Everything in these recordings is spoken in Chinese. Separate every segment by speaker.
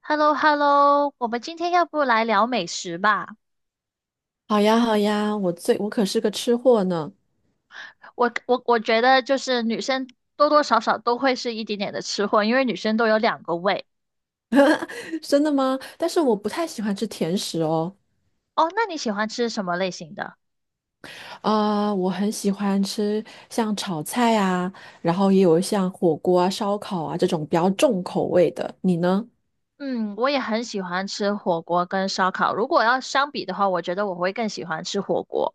Speaker 1: h e l l o h e l l o 我们今天要不来聊美食吧？
Speaker 2: 好呀，好呀，我可是个吃货呢。
Speaker 1: 我觉得就是女生多多少少都会是一点点的吃货，因为女生都有两个胃。
Speaker 2: 真的吗？但是我不太喜欢吃甜食哦。
Speaker 1: 哦，那你喜欢吃什么类型的？
Speaker 2: 我很喜欢吃像炒菜啊，然后也有像火锅啊、烧烤啊这种比较重口味的。你呢？
Speaker 1: 嗯，我也很喜欢吃火锅跟烧烤。如果要相比的话，我觉得我会更喜欢吃火锅。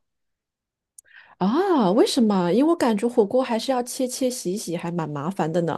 Speaker 2: 啊，为什么？因为我感觉火锅还是要切切洗洗，还蛮麻烦的呢。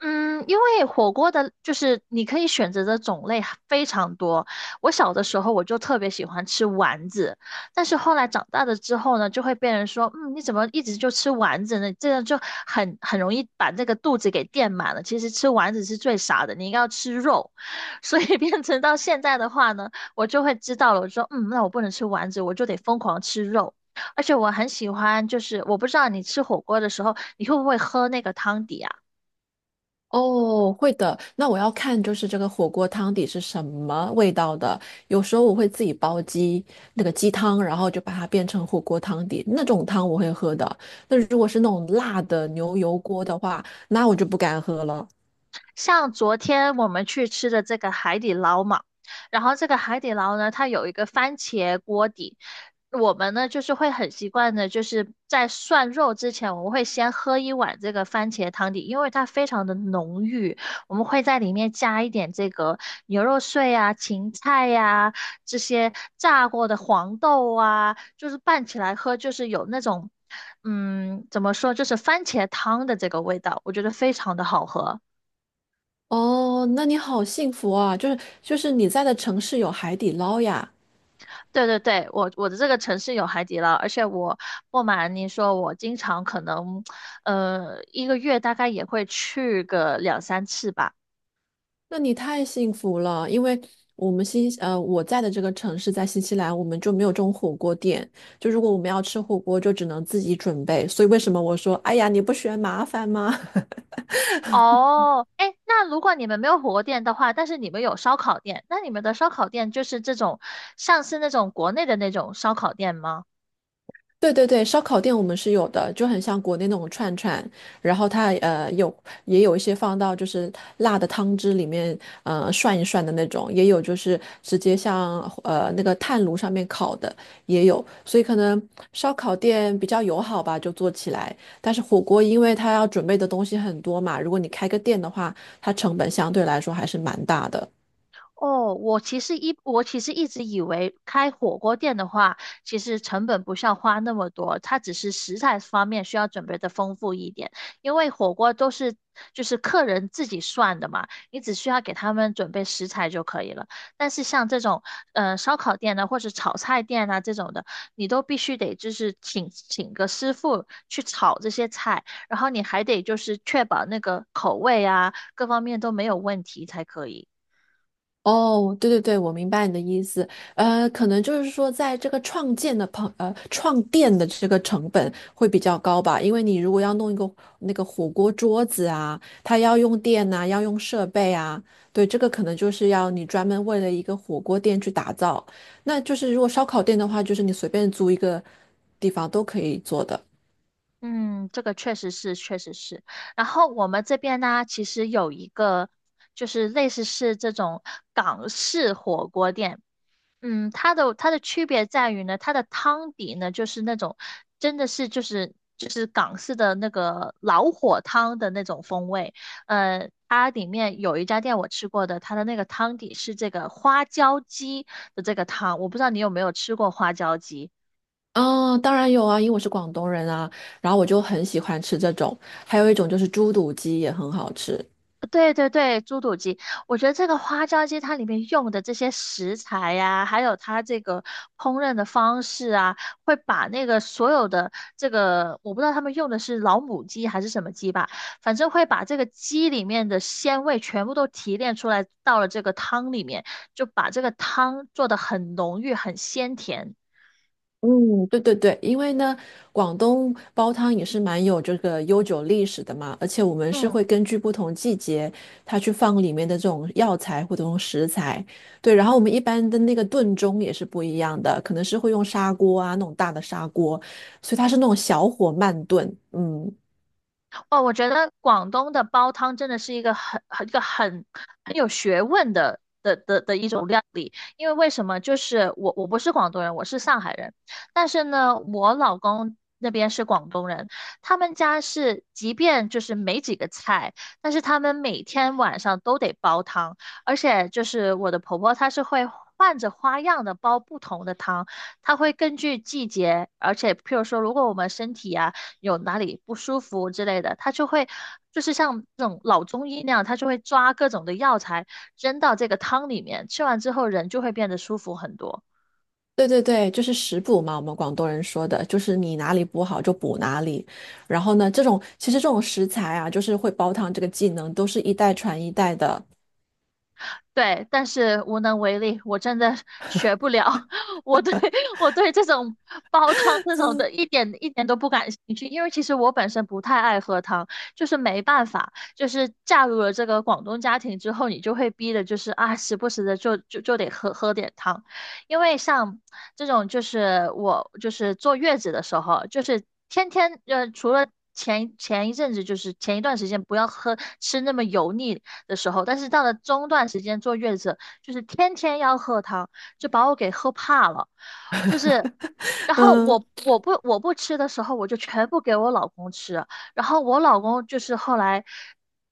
Speaker 1: 嗯，因为火锅的，就是你可以选择的种类非常多。我小的时候我就特别喜欢吃丸子，但是后来长大了之后呢，就会被人说，嗯，你怎么一直就吃丸子呢？这样就很容易把这个肚子给垫满了。其实吃丸子是最傻的，你应该要吃肉。所以变成到现在的话呢，我就会知道了，我说，嗯，那我不能吃丸子，我就得疯狂吃肉。而且我很喜欢，就是我不知道你吃火锅的时候，你会不会喝那个汤底啊？
Speaker 2: 哦，会的。那我要看就是这个火锅汤底是什么味道的。有时候我会自己煲鸡，那个鸡汤，然后就把它变成火锅汤底，那种汤我会喝的。那如果是那种辣的牛油锅的话，那我就不敢喝了。
Speaker 1: 像昨天我们去吃的这个海底捞嘛，然后这个海底捞呢，它有一个番茄锅底，我们呢就是会很习惯的，就是在涮肉之前，我们会先喝一碗这个番茄汤底，因为它非常的浓郁，我们会在里面加一点这个牛肉碎啊、芹菜呀、这些炸过的黄豆啊，就是拌起来喝，就是有那种。嗯，怎么说，就是番茄汤的这个味道，我觉得非常的好喝。
Speaker 2: 哦，那你好幸福啊！就是你在的城市有海底捞呀。
Speaker 1: 对对对，我的这个城市有海底捞，而且我不瞒你说，我经常可能，一个月大概也会去个两三次吧。
Speaker 2: 那你太幸福了，因为我们新呃我在的这个城市在新西兰，我们就没有这种火锅店。就如果我们要吃火锅，就只能自己准备。所以为什么我说，哎呀，你不嫌麻烦吗？
Speaker 1: 哦，哎，那如果你们没有火锅店的话，但是你们有烧烤店，那你们的烧烤店就是这种，像是那种国内的那种烧烤店吗？
Speaker 2: 对对对，烧烤店我们是有的，就很像国内那种串串，然后它有也有一些放到就是辣的汤汁里面涮一涮的那种，也有就是直接像那个炭炉上面烤的也有，所以可能烧烤店比较友好吧，就做起来。但是火锅因为它要准备的东西很多嘛，如果你开个店的话，它成本相对来说还是蛮大的。
Speaker 1: 哦，我其实一直以为开火锅店的话，其实成本不需要花那么多，它只是食材方面需要准备的丰富一点，因为火锅都是就是客人自己算的嘛，你只需要给他们准备食材就可以了。但是像这种烧烤店呢，或者炒菜店啊这种的，你都必须得就是请个师傅去炒这些菜，然后你还得就是确保那个口味啊各方面都没有问题才可以。
Speaker 2: 哦，对对对，我明白你的意思。可能就是说，在这个创店的这个成本会比较高吧，因为你如果要弄一个那个火锅桌子啊，它要用电呐、要用设备啊。对，这个可能就是要你专门为了一个火锅店去打造。那就是如果烧烤店的话，就是你随便租一个地方都可以做的。
Speaker 1: 嗯，这个确实是，确实是。然后我们这边呢，其实有一个就是类似是这种港式火锅店，嗯，它的区别在于呢，它的汤底呢就是那种真的是就是港式的那个老火汤的那种风味。它里面有一家店我吃过的，它的那个汤底是这个花椒鸡的这个汤，我不知道你有没有吃过花椒鸡。
Speaker 2: 嗯，当然有啊，因为我是广东人啊，然后我就很喜欢吃这种，还有一种就是猪肚鸡也很好吃。
Speaker 1: 对对对，猪肚鸡，我觉得这个花椒鸡它里面用的这些食材呀、还有它这个烹饪的方式啊，会把那个所有的这个，我不知道他们用的是老母鸡还是什么鸡吧，反正会把这个鸡里面的鲜味全部都提炼出来，到了这个汤里面，就把这个汤做的很浓郁、很鲜甜。
Speaker 2: 嗯，对对对，因为呢，广东煲汤也是蛮有这个悠久历史的嘛，而且我们是
Speaker 1: 嗯。
Speaker 2: 会根据不同季节，它去放里面的这种药材或者用食材。对，然后我们一般的那个炖盅也是不一样的，可能是会用砂锅啊，那种大的砂锅，所以它是那种小火慢炖。嗯，
Speaker 1: 哦，我觉得广东的煲汤真的是一个很有学问的一种料理。因为为什么？就是我不是广东人，我是上海人，但是呢，我老公那边是广东人，他们家是即便就是没几个菜，但是他们每天晚上都得煲汤，而且就是我的婆婆她是会。换着花样的煲不同的汤，她会根据季节，而且譬如说，如果我们身体啊有哪里不舒服之类的，他就会就是像那种老中医那样，他就会抓各种的药材扔到这个汤里面，吃完之后人就会变得舒服很多。
Speaker 2: 对对对，就是食补嘛，我们广东人说的，就是你哪里补好就补哪里。然后呢，这种其实这种食材啊，就是会煲汤这个技能，都是一代传一代的。
Speaker 1: 对，但是无能为力，我真的学不了。我对 我对这种煲汤这种的 一点都不感兴趣，因为其实我本身不太爱喝汤，就是没办法，就是嫁入了这个广东家庭之后，你就会逼的，就是啊，时不时的就得喝点汤，因为像这种就是我就是坐月子的时候，就是天天除了。一阵子就是前一段时间不要喝吃那么油腻，的时候，但是到了中段时间坐月子，就是天天要喝汤，就把我给喝怕了，就是。然后
Speaker 2: 嗯，
Speaker 1: 我不吃的时候，我就全部给我老公吃。然后我老公就是后来，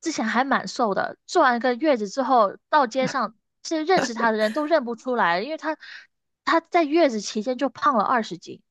Speaker 1: 之前还蛮瘦的，做完一个月子之后，到街上是认识他的人都认不出来，因为他他在月子期间就胖了20斤。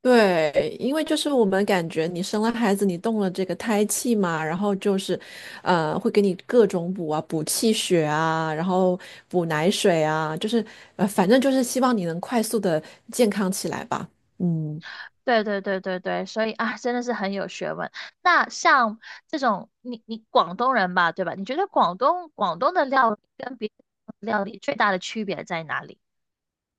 Speaker 2: 对，因为就是我们感觉你生了孩子，你动了这个胎气嘛，然后就是，会给你各种补啊、补气血啊，然后补奶水啊，就是反正就是希望你能快速的健康起来吧。嗯。
Speaker 1: 对对对对对，所以啊，真的是很有学问。那像这种，你你广东人吧，对吧？你觉得广东的料理跟别的料理最大的区别在哪里？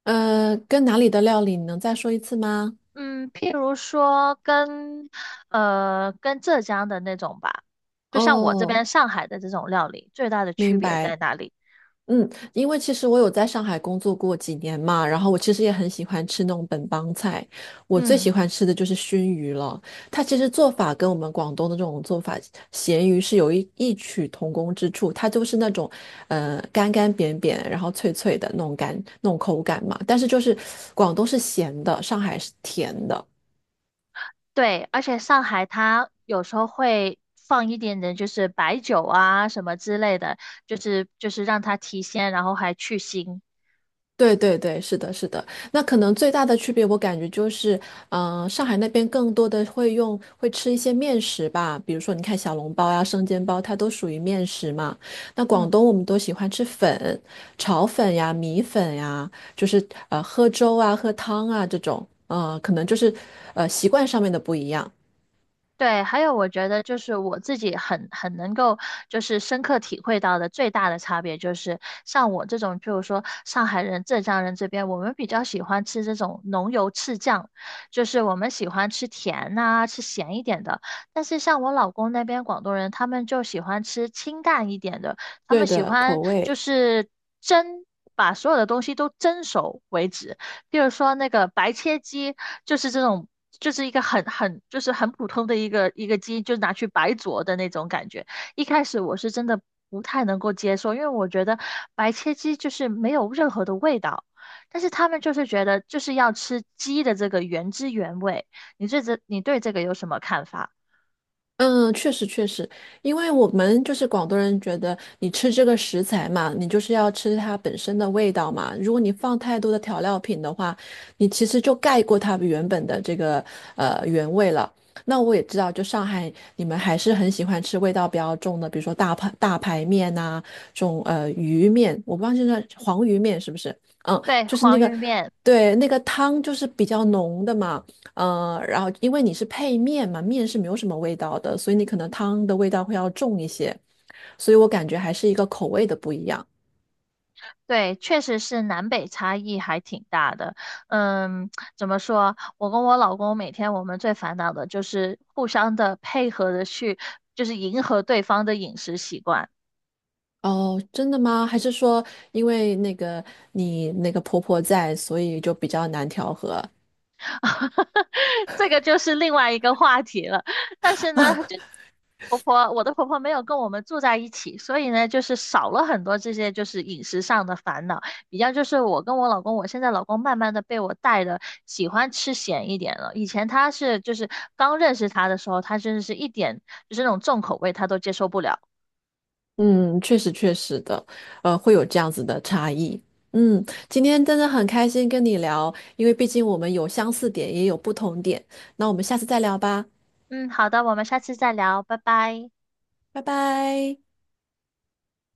Speaker 2: 跟哪里的料理，你能再说一次吗？
Speaker 1: 嗯，譬如说跟跟浙江的那种吧，就像我这
Speaker 2: 哦，
Speaker 1: 边上海的这种料理，最大的区
Speaker 2: 明
Speaker 1: 别
Speaker 2: 白。
Speaker 1: 在哪里？
Speaker 2: 嗯，因为其实我有在上海工作过几年嘛，然后我其实也很喜欢吃那种本帮菜，我最喜
Speaker 1: 嗯，
Speaker 2: 欢吃的就是熏鱼了。它其实做法跟我们广东的这种做法咸鱼是有异曲同工之处，它就是那种干干扁扁，然后脆脆的那种口感嘛。但是就是广东是咸的，上海是甜的。
Speaker 1: 对，而且上海它有时候会放一点点，就是白酒啊什么之类的，就是就是让它提鲜，然后还去腥。
Speaker 2: 对对对，是的，是的。那可能最大的区别，我感觉就是，嗯、上海那边更多的会吃一些面食吧，比如说你看小笼包呀、生煎包，它都属于面食嘛。那
Speaker 1: 嗯。
Speaker 2: 广东我们都喜欢吃粉、炒粉呀、米粉呀，就是喝粥啊、喝汤啊这种。嗯、可能就是习惯上面的不一样。
Speaker 1: 对，还有我觉得就是我自己很很能够就是深刻体会到的最大的差别就是，像我这种，就是说上海人、浙江人这边，我们比较喜欢吃这种浓油赤酱，就是我们喜欢吃甜呐、吃咸一点的。但是像我老公那边广东人，他们就喜欢吃清淡一点的，他们
Speaker 2: 对
Speaker 1: 喜
Speaker 2: 的，
Speaker 1: 欢
Speaker 2: 口
Speaker 1: 就
Speaker 2: 味。
Speaker 1: 是蒸，把所有的东西都蒸熟为止。比如说那个白切鸡，就是这种，就是一个很就是很普通的一个鸡，就拿去白灼的那种感觉。一开始我是真的不太能够接受，因为我觉得白切鸡就是没有任何的味道。但是他们就是觉得就是要吃鸡的这个原汁原味。你对这个有什么看法？
Speaker 2: 嗯，确实确实，因为我们就是广东人，觉得你吃这个食材嘛，你就是要吃它本身的味道嘛。如果你放太多的调料品的话，你其实就盖过它原本的这个原味了。那我也知道，就上海你们还是很喜欢吃味道比较重的，比如说大排面呐、这种鱼面，我不知道现在黄鱼面是不是？嗯，
Speaker 1: 对，
Speaker 2: 就是那
Speaker 1: 黄
Speaker 2: 个
Speaker 1: 鱼面。
Speaker 2: 对那个汤就是比较浓的嘛。嗯，然后因为你是配面嘛，面是没有什么味道的，所以你可能汤的味道会要重一些，所以我感觉还是一个口味的不一样。
Speaker 1: 对，确实是南北差异还挺大的。嗯，怎么说？我跟我老公每天我们最烦恼的就是互相的配合的去，就是迎合对方的饮食习惯。
Speaker 2: 哦，真的吗？还是说因为那个你那个婆婆在，所以就比较难调和？
Speaker 1: 这个就是另外一个话题了。但是呢，就 婆婆，我的婆婆没有跟我们住在一起，所以呢，就是少了很多这些就是饮食上的烦恼。比较就是我跟我老公，我现在老公慢慢的被我带的喜欢吃咸一点了。以前他是就是刚认识他的时候，他真的是一点就是那种重口味他都接受不了。
Speaker 2: 嗯，确实确实的，会有这样子的差异。嗯，今天真的很开心跟你聊，因为毕竟我们有相似点，也有不同点。那我们下次再聊吧，
Speaker 1: 嗯，好的，我们下次再聊，拜拜。
Speaker 2: 拜拜。